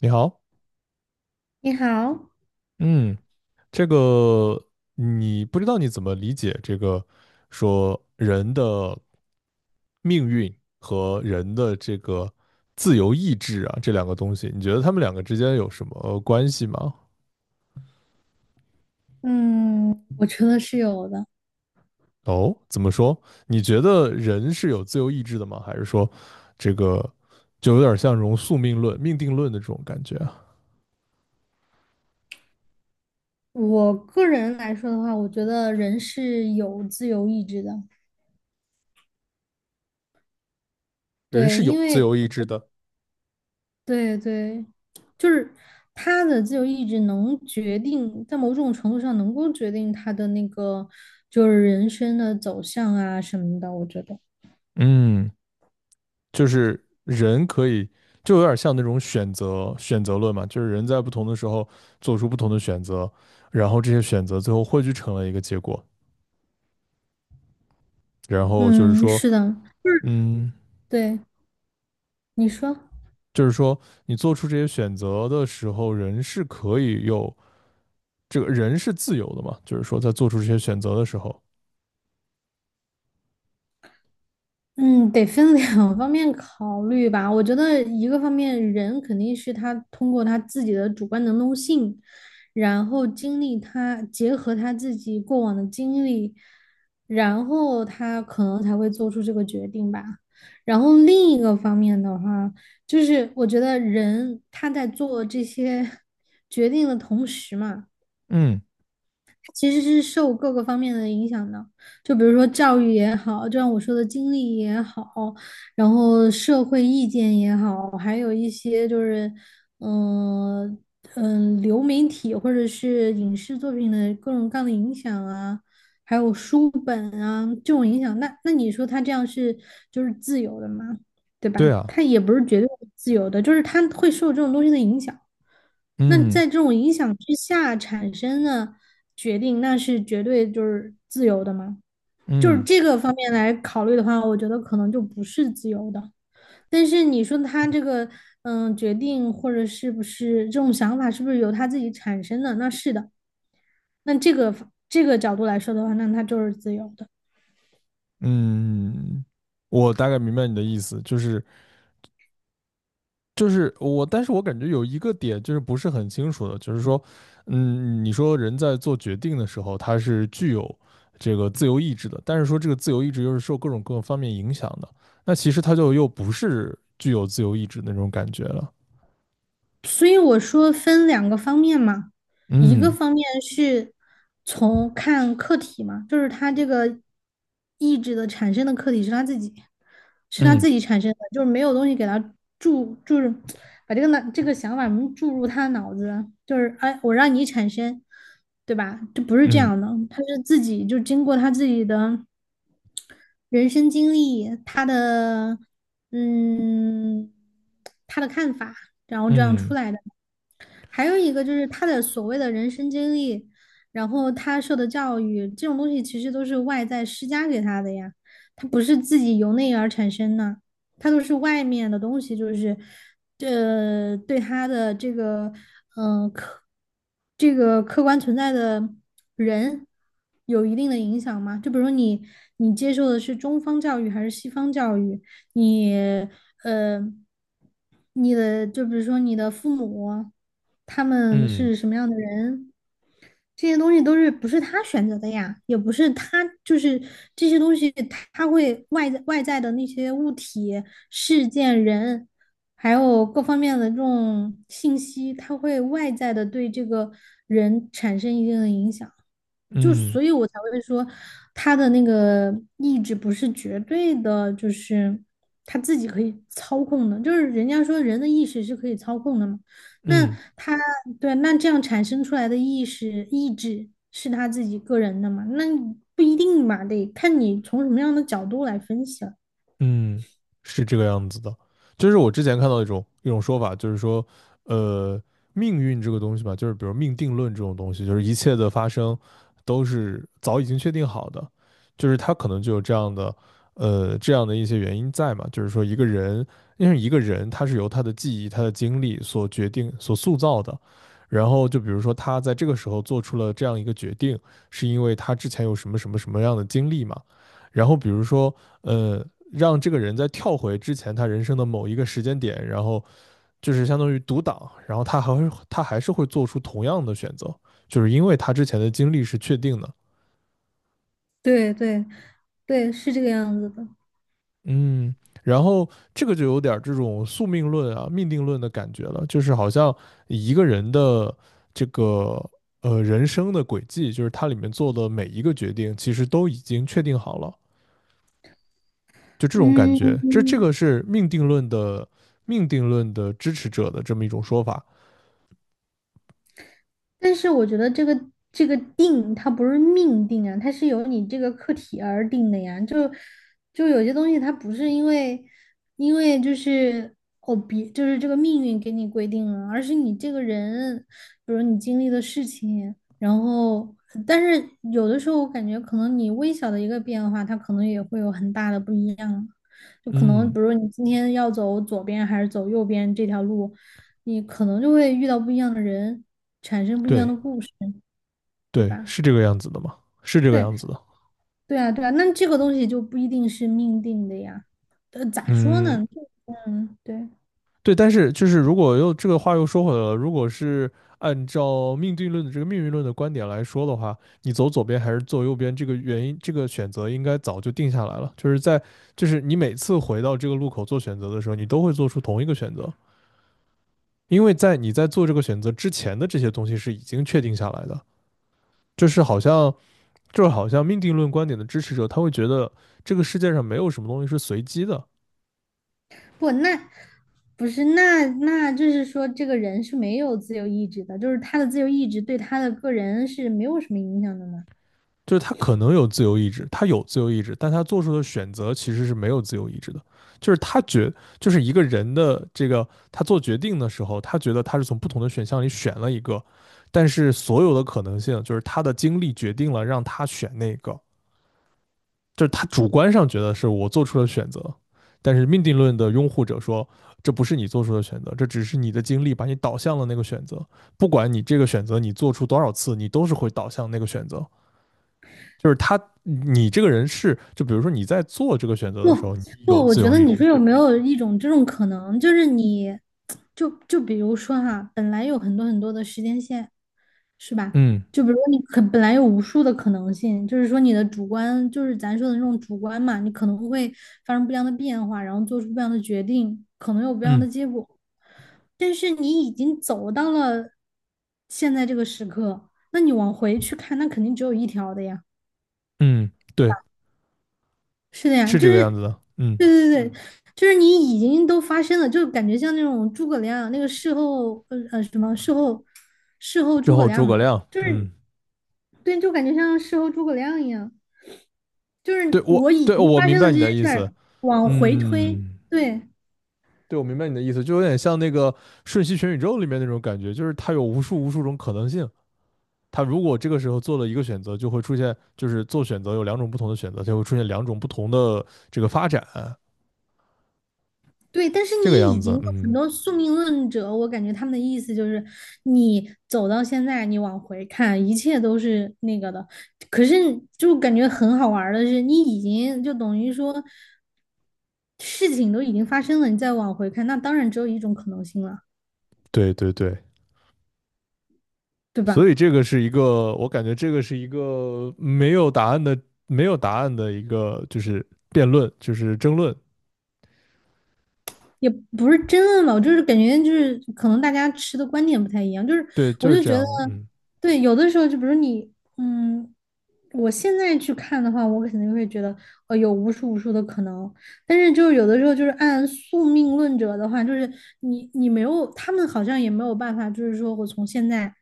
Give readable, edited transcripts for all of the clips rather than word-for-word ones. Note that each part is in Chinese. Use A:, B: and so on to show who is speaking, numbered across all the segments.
A: 你好。
B: 你好，
A: 嗯，这个你不知道你怎么理解这个说人的命运和人的这个自由意志啊，这两个东西，你觉得他们两个之间有什么关系吗？
B: 嗯，我觉得是有的。
A: 哦，怎么说？你觉得人是有自由意志的吗？还是说这个就有点像这种宿命论、命定论的这种感觉啊？
B: 我个人来说的话，我觉得人是有自由意志的，
A: 人
B: 对，
A: 是有
B: 因
A: 自由
B: 为
A: 意志的。
B: 对对，就是他的自由意志能决定，在某种程度上能够决定他的那个就是人生的走向啊什么的，我觉得，
A: 嗯。就是人可以，就有点像那种选择论嘛，就是人在不同的时候做出不同的选择，然后这些选择最后汇聚成了一个结果，然后
B: 嗯，是的，
A: 嗯，
B: 对，你说。
A: 就是说你做出这些选择的时候，人是可以有这个人是自由的嘛，就是说在做出这些选择的时候，
B: 嗯，得分两 方面考虑吧。我觉得一个方面，人肯定是他通过他自己的主观能动性，然后他结合他自己过往的经历，然后他可能才会做出这个决定吧。然后另一个方面的话，就是我觉得人他在做这些决定的同时嘛。
A: 嗯，
B: 其实是受各个方面的影响的，就比如说教育也好，就像我说的经历也好，然后社会意见也好，还有一些就是，嗯、流媒体或者是影视作品的各种各样的影响啊，还有书本啊这种影响，那你说他这样是就是自由的吗？对
A: 对
B: 吧？
A: 啊，
B: 他也不是绝对自由的，就是他会受这种东西的影响。那
A: 嗯
B: 在这种影响之下产生的决定，那是绝对就是自由的吗？就是
A: 嗯
B: 这个方面来考虑的话，我觉得可能就不是自由的。但是你说他这个决定或者是不是这种想法，是不是由他自己产生的？那是的。那这个角度来说的话，那他就是自由的。
A: 嗯，嗯我大概明白你的意思，就是我，但是我感觉有一个点就是不是很清楚的，就是说，你说人在做决定的时候，他是具有这个自由意志的，但是说这个自由意志又是受各种各方面影响的，那其实他就又不是具有自由意志的那种感觉了。
B: 所以我说分两个方面嘛，一个
A: 嗯
B: 方面是从看客体嘛，就是他这个意志的产生的客体是他自己，是他
A: 嗯
B: 自己产生的，就是没有东西给他注，就是把这个想法注入他的脑子，就是哎，我让你产生，对吧？这不是这
A: 嗯
B: 样的，他是自己就经过他自己的人生经历，他的嗯，他的看法，然后这样
A: 嗯
B: 出来的。还有一个就是他的所谓的人生经历，然后他受的教育，这种东西其实都是外在施加给他的呀，他不是自己由内而产生的，他都是外面的东西，就是，对他的这个这个客观存在的人有一定的影响吗？就比如说你，你接受的是中方教育还是西方教育？你呃，你的就比如说你的父母，他们
A: 嗯
B: 是什么样的人？这些东西都是不是他选择的呀，也不是他就是这些东西，他会外在的那些物体、事件、人，还有各方面的这种信息，他会外在的对这个人产生一定的影响，
A: 嗯嗯。嗯
B: 就
A: 嗯
B: 所以我才会说他的那个意志不是绝对的，就是他自己可以操控的，就是人家说人的意识是可以操控的嘛。那
A: 嗯
B: 他对，那这样产生出来的意识意志是他自己个人的嘛？那不一定嘛，得看你从什么样的角度来分析了。
A: 嗯，是这个样子的。就是我之前看到一种说法，就是说，呃，命运这个东西吧，就是比如命定论这种东西，就是一切的发生都是早已经确定好的，就是它可能就有这样的，这样的一些原因在嘛。就是说，一个人，因为一个人他是由他的记忆、他的经历所决定、所塑造的。然后就比如说他在这个时候做出了这样一个决定，是因为他之前有什么什么什么样的经历嘛。然后比如说，呃。让这个人在跳回之前他人生的某一个时间点，然后就是相当于读档，然后他还是会做出同样的选择，就是因为他之前的经历是确定的。
B: 对对对，是这个样子的。
A: 嗯，然后这个就有点这种宿命论啊、命定论的感觉了，就是好像一个人的这个人生的轨迹，就是他里面做的每一个决定，其实都已经确定好了，就这种感觉，这这
B: 嗯，
A: 个是命定论的支持者的这么一种说法。
B: 但是我觉得这个定它不是命定啊，它是由你这个课题而定的呀。就有些东西它不是因为就是哦别就是这个命运给你规定了，而是你这个人，比如你经历的事情，然后但是有的时候我感觉可能你微小的一个变化，它可能也会有很大的不一样。就可能
A: 嗯。
B: 比如你今天要走左边还是走右边这条路。你可能就会遇到不一样的人，产生不一样
A: 对
B: 的故事，对
A: 对，
B: 吧？
A: 是这个样子的嘛，是这个
B: 对，
A: 样子的。
B: 对啊，对啊，那这个东西就不一定是命定的呀。咋说
A: 嗯，
B: 呢？嗯，对，
A: 对，但是就是如果又这个话又说回来了，如果是按照命定论的这个命运论的观点来说的话，你走左边还是走右边，这个原因这个选择应该早就定下来了。就是在就是你每次回到这个路口做选择的时候，你都会做出同一个选择，因为在你在做这个选择之前的这些东西是已经确定下来的。就是好像就是好像命定论观点的支持者，他会觉得这个世界上没有什么东西是随机的。
B: 不，那不是，那就是说，这个人是没有自由意志的，就是他的自由意志对他的个人是没有什么影响的呢。
A: 就是他可能有自由意志，他有自由意志，但他做出的选择其实是没有自由意志的。就是就是一个人的这个他做决定的时候，他觉得他是从不同的选项里选了一个，但是所有的可能性就是他的经历决定了让他选那个，就是他主观上觉得是我做出了选择，但是命定论的拥护者说，这不是你做出的选择，这只是你的经历把你导向了那个选择。不管你这个选择你做出多少次，你都是会导向那个选择。就是他，你这个人是，就比如说你在做这个选择的时候，你
B: 不，
A: 有
B: 我
A: 自
B: 觉
A: 由
B: 得
A: 意
B: 你
A: 志。
B: 说有没有一种这种可能，就是你，就比如说哈，本来有很多很多的时间线，是吧？
A: 嗯
B: 就比如说你本来有无数的可能性，就是说你的主观，就是咱说的那种主观嘛，你可能会发生不一样的变化，然后做出不一样的决定，可能有不一样
A: 嗯
B: 的结果。但是你已经走到了现在这个时刻，那你往回去看，那肯定只有一条的呀。
A: 嗯，对，
B: 是的呀，
A: 是
B: 就
A: 这个
B: 是，
A: 样
B: 对
A: 子的。嗯，
B: 对对，就是你已经都发生了，就感觉像那种诸葛亮那个事后，什么事后，事后
A: 之
B: 诸葛
A: 后诸
B: 亮
A: 葛
B: 嘛，
A: 亮。
B: 就是
A: 嗯，
B: 对，就感觉像事后诸葛亮一样，就是我已
A: 对，
B: 经
A: 我
B: 发
A: 明
B: 生了
A: 白
B: 这
A: 你
B: 些
A: 的意
B: 事
A: 思。
B: 儿，往回推，
A: 嗯，
B: 对。
A: 对，我明白你的意思，就有点像那个《瞬息全宇宙》里面那种感觉，就是它有无数无数种可能性。他如果这个时候做了一个选择，就会出现，就是做选择有两种不同的选择，就会出现两种不同的这个发展，
B: 对，但是
A: 这个
B: 你
A: 样
B: 已经
A: 子。
B: 有很
A: 嗯，
B: 多宿命论者，我感觉他们的意思就是，你走到现在，你往回看，一切都是那个的。可是就感觉很好玩儿的是，你已经就等于说事情都已经发生了，你再往回看，那当然只有一种可能性了，
A: 对对对，
B: 对
A: 所
B: 吧？
A: 以这个是一个，我感觉这个是一个没有答案的，没有答案的一个，就是辩论，就是争论，
B: 也不是争论吧，我就是感觉就是可能大家持的观点不太一样，就是
A: 对，就
B: 我
A: 是
B: 就
A: 这
B: 觉得，
A: 样的，嗯
B: 对，有的时候就比如你，嗯，我现在去看的话，我肯定会觉得，有无数无数的可能，但是就是有的时候就是按宿命论者的话，就是你没有，他们好像也没有办法，就是说我从现在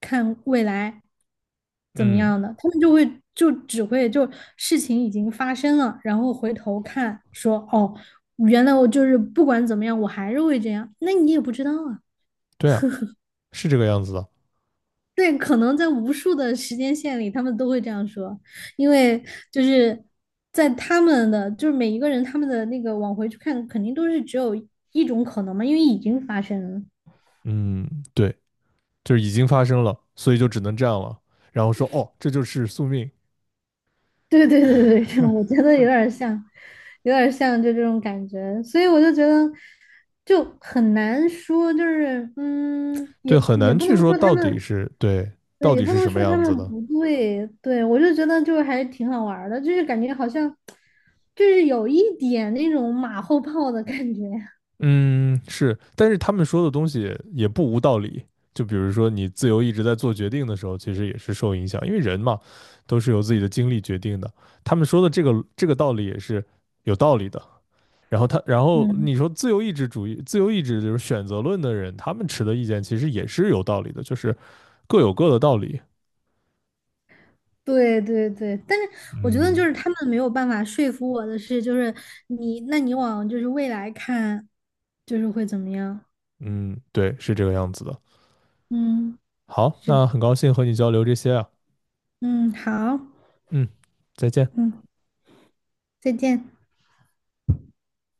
B: 看未来，怎么
A: 嗯，
B: 样的，他们就会就只会就事情已经发生了，然后回头看说哦，原来我就是不管怎么样，我还是会这样，那你也不知道啊。
A: 对啊，是这个样子的，
B: 对，可能在无数的时间线里，他们都会这样说，因为就是在他们的就是每一个人他们的那个往回去看，肯定都是只有一种可能嘛，因为已经发生了。
A: 嗯，对，就是已经发生了，所以就只能这样了，然后说，哦，这就是宿命。
B: 对对对对对，我觉得有点像，有点像就这种感觉，所以我就觉得就很难说，就是
A: 对，
B: 也
A: 很
B: 也
A: 难
B: 不
A: 去
B: 能
A: 说
B: 说他
A: 到底
B: 们，
A: 是对，到
B: 对，也
A: 底
B: 不
A: 是
B: 能
A: 什么
B: 说他
A: 样子
B: 们
A: 的，
B: 不对，对，我就觉得就还挺好玩儿的，就是感觉好像就是有一点那种马后炮的感觉，
A: 嗯，是，但是他们说的东西也不无道理。就比如说，你自由意志在做决定的时候，其实也是受影响，因为人嘛，都是由自己的经历决定的。他们说的这个道理也是有道理的。然后他，然后
B: 嗯。
A: 你说自由意志主义、自由意志就是选择论的人，他们持的意见其实也是有道理的，就是各有各的道理。
B: 对对对，但是我觉得就
A: 嗯
B: 是他们没有办法说服我的是，就是你，那你往就是未来看，就是会怎么样？
A: 嗯，对，是这个样子的。
B: 嗯。
A: 好，
B: 是
A: 那很高兴和你交流这些啊。
B: 嗯，好，
A: 嗯，再见。
B: 嗯，再见。